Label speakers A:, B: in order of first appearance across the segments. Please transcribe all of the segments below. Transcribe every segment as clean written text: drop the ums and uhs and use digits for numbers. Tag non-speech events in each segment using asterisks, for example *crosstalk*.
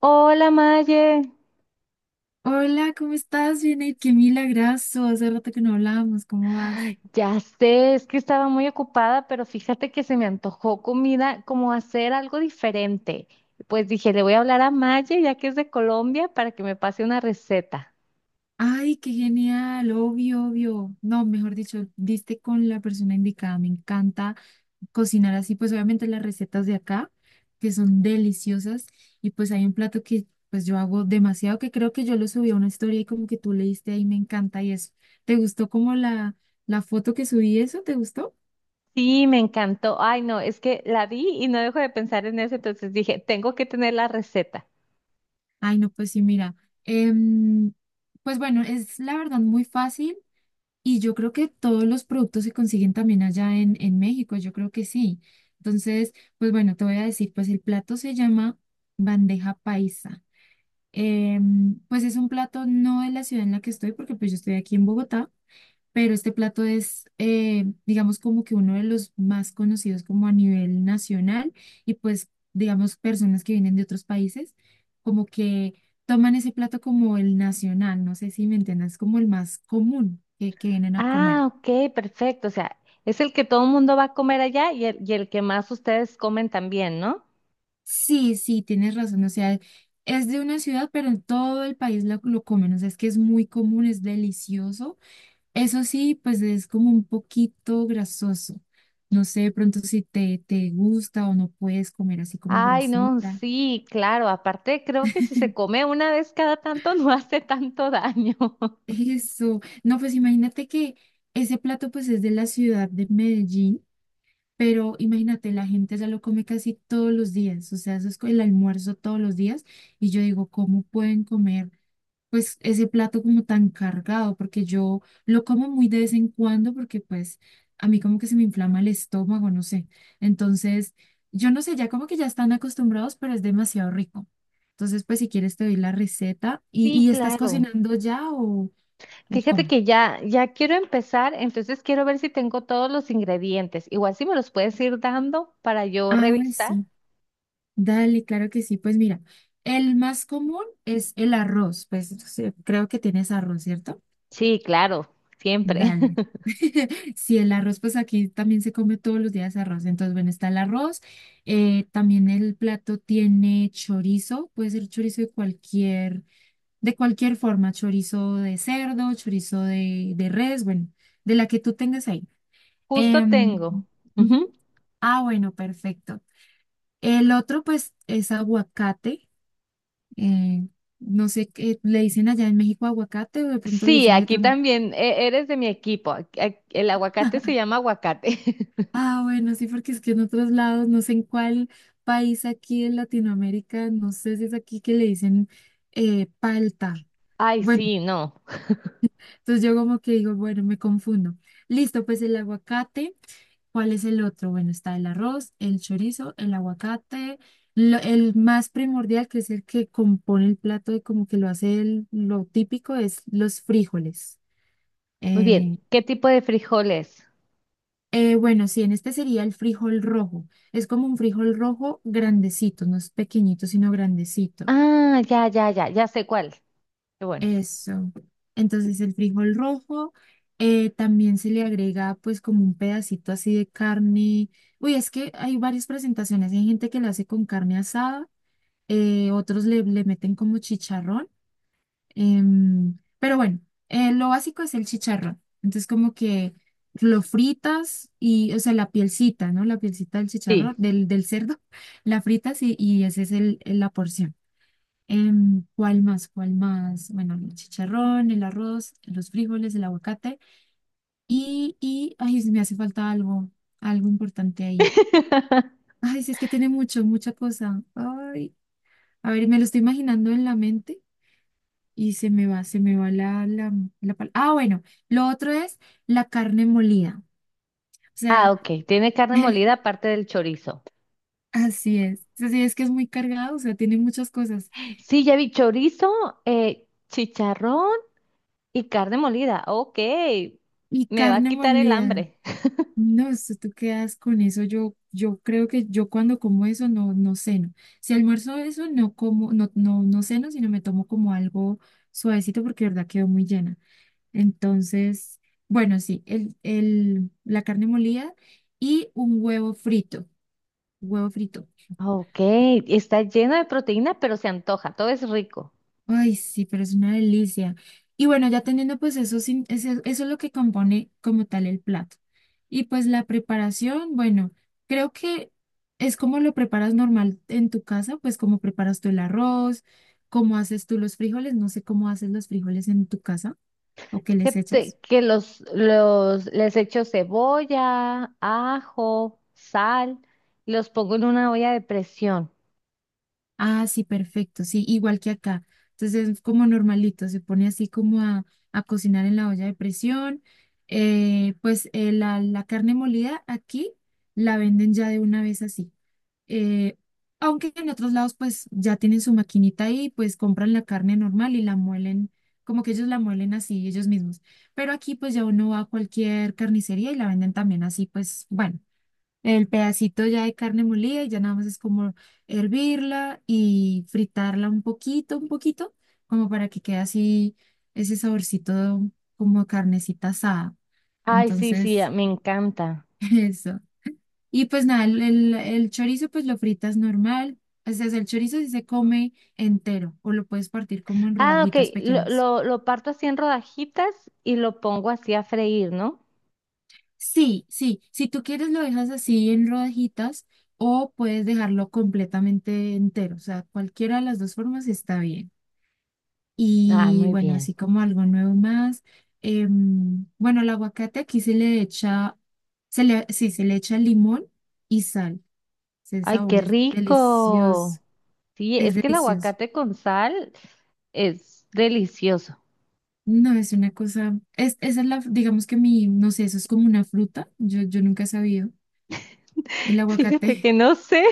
A: Hola Maye,
B: Hola, ¿cómo estás? Bien, y qué milagrazo. Hace rato que no hablábamos. ¿Cómo vas?
A: ya sé, es que estaba muy ocupada, pero fíjate que se me antojó comida, como hacer algo diferente. Pues dije, le voy a hablar a Maye, ya que es de Colombia, para que me pase una receta.
B: Ay, qué genial, obvio, obvio. No, mejor dicho, diste con la persona indicada. Me encanta cocinar así, pues obviamente las recetas de acá, que son deliciosas. Y pues hay un plato que pues yo hago demasiado, que creo que yo lo subí a una historia y como que tú leíste ahí, me encanta y eso. ¿Te gustó como la foto que subí eso? ¿Te gustó?
A: Sí, me encantó. Ay, no, es que la vi y no dejo de pensar en eso, entonces dije, tengo que tener la receta.
B: Ay, no, pues sí, mira. em, pues bueno, es la verdad muy fácil. Y yo creo que todos los productos se consiguen también allá en México, yo creo que sí. Entonces, pues bueno, te voy a decir, pues el plato se llama bandeja paisa. Pues es un plato no de la ciudad en la que estoy, porque pues yo estoy aquí en Bogotá, pero este plato es, digamos, como que uno de los más conocidos como a nivel nacional y pues, digamos, personas que vienen de otros países, como que toman ese plato como el nacional, no sé si me entiendes, como el más común que vienen a comer.
A: Ah, ok, perfecto. O sea, es el que todo el mundo va a comer allá y el que más ustedes comen también, ¿no?
B: Sí, sí, tienes razón. O sea, es de una ciudad, pero en todo el país lo comen. O sea, es que es muy común, es delicioso. Eso sí, pues es como un poquito grasoso. No sé, de pronto si te gusta o no puedes comer así como
A: Ay, no,
B: grasita.
A: sí, claro. Aparte, creo que si se come una vez cada tanto *laughs* no hace tanto daño.
B: *laughs*
A: *laughs*
B: Eso. No, pues imagínate que ese plato pues es de la ciudad de Medellín, pero imagínate, la gente ya lo come casi todos los días. O sea, eso es el almuerzo todos los días. Y yo digo, ¿cómo pueden comer pues ese plato como tan cargado? Porque yo lo como muy de vez en cuando, porque pues a mí como que se me inflama el estómago, no sé. Entonces, yo no sé, ya como que ya están acostumbrados, pero es demasiado rico. Entonces, pues si quieres te doy la receta.
A: Sí,
B: Y estás
A: claro.
B: cocinando ya o
A: Fíjate
B: cómo?
A: que ya quiero empezar, entonces quiero ver si tengo todos los ingredientes. Igual si me los puedes ir dando para yo
B: Ah,
A: revisar.
B: sí, dale, claro que sí. Pues mira, el más común es el arroz, pues sí, creo que tienes arroz, ¿cierto?
A: Sí, claro, siempre.
B: Dale.
A: *laughs*
B: *laughs* si el arroz, pues aquí también se come todos los días arroz. Entonces, bueno, está el arroz. También el plato tiene chorizo, puede ser chorizo de cualquier forma, chorizo de cerdo, chorizo de res, bueno, de la que tú tengas ahí.
A: Justo
B: Em,
A: tengo.
B: Ujú.
A: Ujú.
B: Ah, bueno, perfecto. El otro, pues, es aguacate. eh, no sé qué le dicen allá en México, aguacate, o de pronto le
A: Sí,
B: dicen de
A: aquí
B: otra manera.
A: también eres de mi equipo. El aguacate se
B: *laughs*
A: llama aguacate. *laughs*
B: Ah, bueno, sí, porque es que en otros lados, no sé en cuál país aquí en Latinoamérica, no sé si es aquí que le dicen palta.
A: Ay,
B: Bueno,
A: sí, no.
B: entonces yo como que digo, bueno, me confundo. Listo, pues el aguacate. ¿Cuál es el otro? Bueno, está el arroz, el chorizo, el aguacate, lo- el más primordial, que es el que compone el plato y como que lo hace el- lo típico, es los frijoles.
A: Muy bien.
B: Eh,
A: ¿Qué tipo de frijoles?
B: Bueno, sí, en este sería el frijol rojo. Es como un frijol rojo grandecito, no es pequeñito, sino grandecito.
A: Ah, ya sé cuál. Qué bueno.
B: Eso. Entonces el frijol rojo, también se le agrega pues como un pedacito así de carne. Uy, es que hay varias presentaciones. Hay gente que lo hace con carne asada, otros le meten como chicharrón. Pero bueno, lo básico es el chicharrón. Entonces, como que lo fritas y, o sea, la pielcita, ¿no? La pielcita del chicharrón,
A: Sí.
B: del cerdo, *laughs* la fritas y esa es el- la porción. ¿Cuál más? ¿Cuál más? Bueno, el chicharrón, el arroz, los frijoles, el aguacate y, ay, me hace falta algo, algo importante ahí.
A: *laughs*
B: Ay, sí, es que tiene mucho, mucha cosa. Ay, a ver, me lo estoy imaginando en la mente. Y se me va la pal- Ah, bueno, lo otro es la carne molida. O
A: Ah,
B: sea,
A: ok. Tiene carne molida
B: *laughs*
A: aparte del chorizo.
B: así es. Así es que es muy cargado, o sea, tiene muchas cosas.
A: Sí, ya vi chorizo, chicharrón y carne molida. Ok.
B: Y
A: Me va a
B: carne
A: quitar el hambre.
B: molida. No, esto tú quedas con eso. Yo creo que yo cuando como eso no, no ceno. Si almuerzo eso, no como, no, no, no ceno, sino me tomo como algo suavecito porque de verdad quedo muy llena. Entonces, bueno, sí, la carne molida y un huevo frito. Huevo frito.
A: Ok. Está lleno de proteína, pero se antoja. Todo es rico.
B: Ay, sí, pero es una delicia. Y bueno, ya teniendo pues eso, sin- ese- eso es lo que compone como tal el plato. Y pues la preparación, bueno, creo que es como lo preparas normal en tu casa, pues como preparas tú el arroz, cómo haces tú los frijoles, no sé cómo haces los frijoles en tu casa o qué
A: Que,
B: les echas.
A: que les echo cebolla, ajo, sal, y los pongo en una olla de presión.
B: Ah, sí, perfecto, sí, igual que acá. Entonces es como normalito, se pone así como a cocinar en la olla de presión. Pues la carne molida aquí la venden ya de una vez así. Eh, Aunque en otros lados pues ya tienen su maquinita ahí, pues compran la carne normal y la muelen, como que ellos la muelen así ellos mismos. Pero aquí pues ya uno va a cualquier carnicería y la venden también así, pues bueno el pedacito ya de carne molida y ya nada más es como hervirla y fritarla un poquito, como para que quede así ese saborcito como carnecita asada.
A: Ay, sí, sí,
B: Entonces,
A: me encanta.
B: *laughs* eso. Y pues nada, el chorizo pues lo fritas normal. O sea, el chorizo sí se come entero o lo puedes partir como en
A: Ah, ok.
B: rodajitas
A: Lo,
B: pequeñas.
A: lo, lo parto así en rodajitas y lo pongo así a freír, ¿no?
B: Sí, sí, si tú quieres lo dejas así en rodajitas o puedes dejarlo completamente entero, o sea, cualquiera de las dos formas está bien.
A: Ah,
B: Y
A: muy
B: bueno,
A: bien.
B: así como algo nuevo más, bueno, el aguacate aquí se le echa, sí, se le echa limón y sal. Ese
A: Ay,
B: sabor
A: qué
B: es delicioso,
A: rico. Sí,
B: es
A: es que el
B: delicioso.
A: aguacate con sal es delicioso.
B: No, es una cosa, es, esa es la, digamos que mi, no sé, eso es como una fruta, yo nunca he sabido, el
A: *laughs* Fíjate
B: aguacate.
A: que no sé.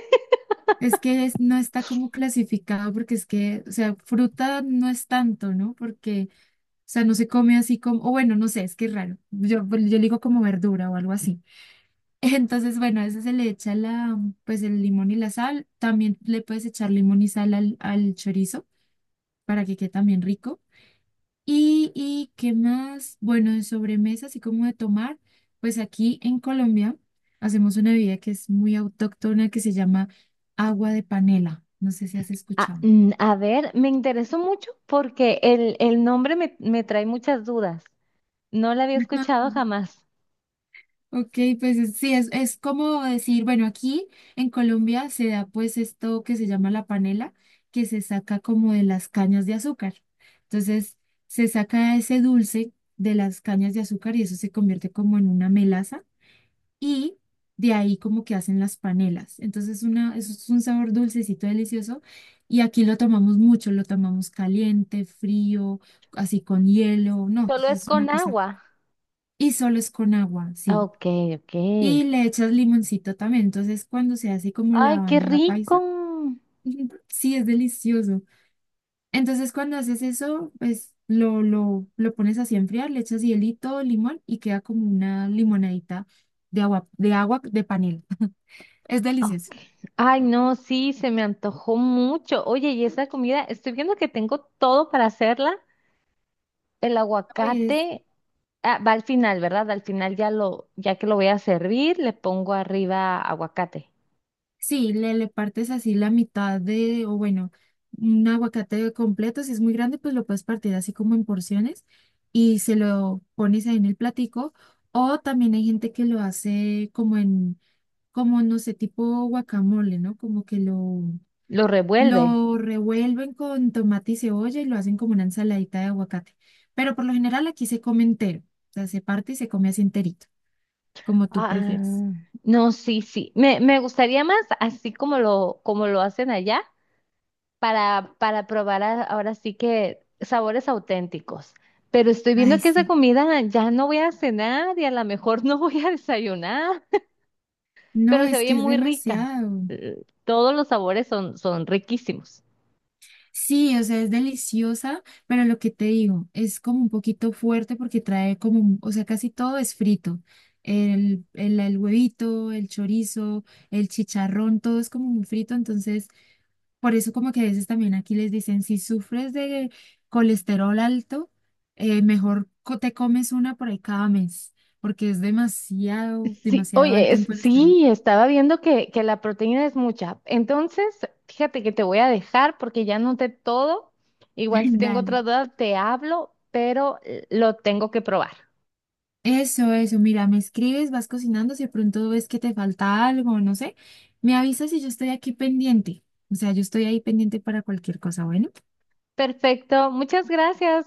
B: Es que es- no está como clasificado porque es que, o sea, fruta no es tanto, ¿no? Porque, o sea, no se come así como, o bueno, no sé, es que es raro. Yo, pues, yo le digo como verdura o algo así. *laughs* Entonces, bueno, a eso se le echa la, pues el limón y la sal. También le puedes echar limón y sal al, al chorizo para que quede también rico. Y qué más, bueno, de sobremesa, así como de tomar, pues aquí en Colombia hacemos una bebida que es muy autóctona que se llama agua de panela. No sé si has
A: Ah,
B: escuchado.
A: mm, a ver, me interesó mucho porque el nombre me trae muchas dudas. No la había
B: Ajá.
A: escuchado jamás.
B: Ok, pues es- sí, es como decir, bueno, aquí en Colombia se da pues esto que se llama la panela, que se saca como de las cañas de azúcar. Entonces, se saca ese dulce de las cañas de azúcar y eso se convierte como en una melaza y de ahí como que hacen las panelas. Entonces una, eso es un sabor dulcecito delicioso y aquí lo tomamos mucho, lo tomamos caliente, frío, así con hielo, no,
A: Solo es
B: es una
A: con
B: cosa.
A: agua.
B: Y solo es con agua,
A: Ah,
B: sí.
A: ok, ok.
B: Y le echas limoncito también. Entonces cuando se hace como la
A: Ay, qué
B: bandeja
A: rico.
B: paisa, *laughs* sí, es delicioso. Entonces cuando haces eso, pues... lo pones así a enfriar, le echas hielito, limón y queda como una limonadita de agua, de agua de panela. *laughs* Es delicioso.
A: Ok. Ay, no, sí, se me antojó mucho. Oye, y esa comida, estoy viendo que tengo todo para hacerla. El
B: Oye,
A: aguacate,
B: es-
A: ah, va al final, ¿verdad? Al final ya lo, ya que lo voy a servir, le pongo arriba aguacate.
B: sí, le partes así la mitad de, o bueno, un aguacate completo, si es muy grande, pues lo puedes partir así como en porciones y se lo pones ahí en el platico. O también hay gente que lo hace como en, como no sé, tipo guacamole, ¿no? Como que
A: Lo revuelve.
B: lo revuelven con tomate y cebolla y lo hacen como una ensaladita de aguacate. Pero por lo general aquí se come entero, o sea, se parte y se come así enterito, como tú
A: Ah,
B: prefieres.
A: no, sí, sí. Me gustaría más así como lo hacen allá para probar ahora sí que sabores auténticos. Pero estoy viendo
B: Ay,
A: que esa
B: sí.
A: comida ya no voy a cenar y a lo mejor *laughs* no voy a desayunar.
B: No,
A: Pero se
B: es
A: oye
B: que es
A: muy rica.
B: demasiado.
A: Todos los sabores son, son riquísimos.
B: Sí, o sea, es deliciosa, pero lo que te digo, es como un poquito fuerte porque trae como, un- o sea, casi todo es frito. El huevito, el chorizo, el chicharrón, todo es como muy frito, entonces por eso como que a veces también aquí les dicen, si sufres de colesterol alto, mejor co- te comes una por ahí cada mes, porque es demasiado,
A: Sí,
B: demasiado
A: oye,
B: alto en colesterol.
A: sí, estaba viendo que la proteína es mucha. Entonces, fíjate que te voy a dejar porque ya noté todo. Igual si
B: *laughs*
A: tengo
B: Dale.
A: otra duda, te hablo, pero lo tengo que probar.
B: Eso, mira, me escribes, vas cocinando, si de pronto ves que te falta algo, no sé, me avisas y yo estoy aquí pendiente. O sea, yo estoy ahí pendiente para cualquier cosa, bueno.
A: Perfecto, muchas gracias.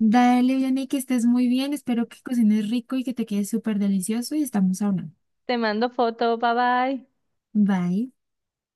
B: Dale, Vianney, que estés muy bien, espero que cocines rico y que te quede súper delicioso y estamos hablando.
A: Te mando foto, bye bye.
B: Bye.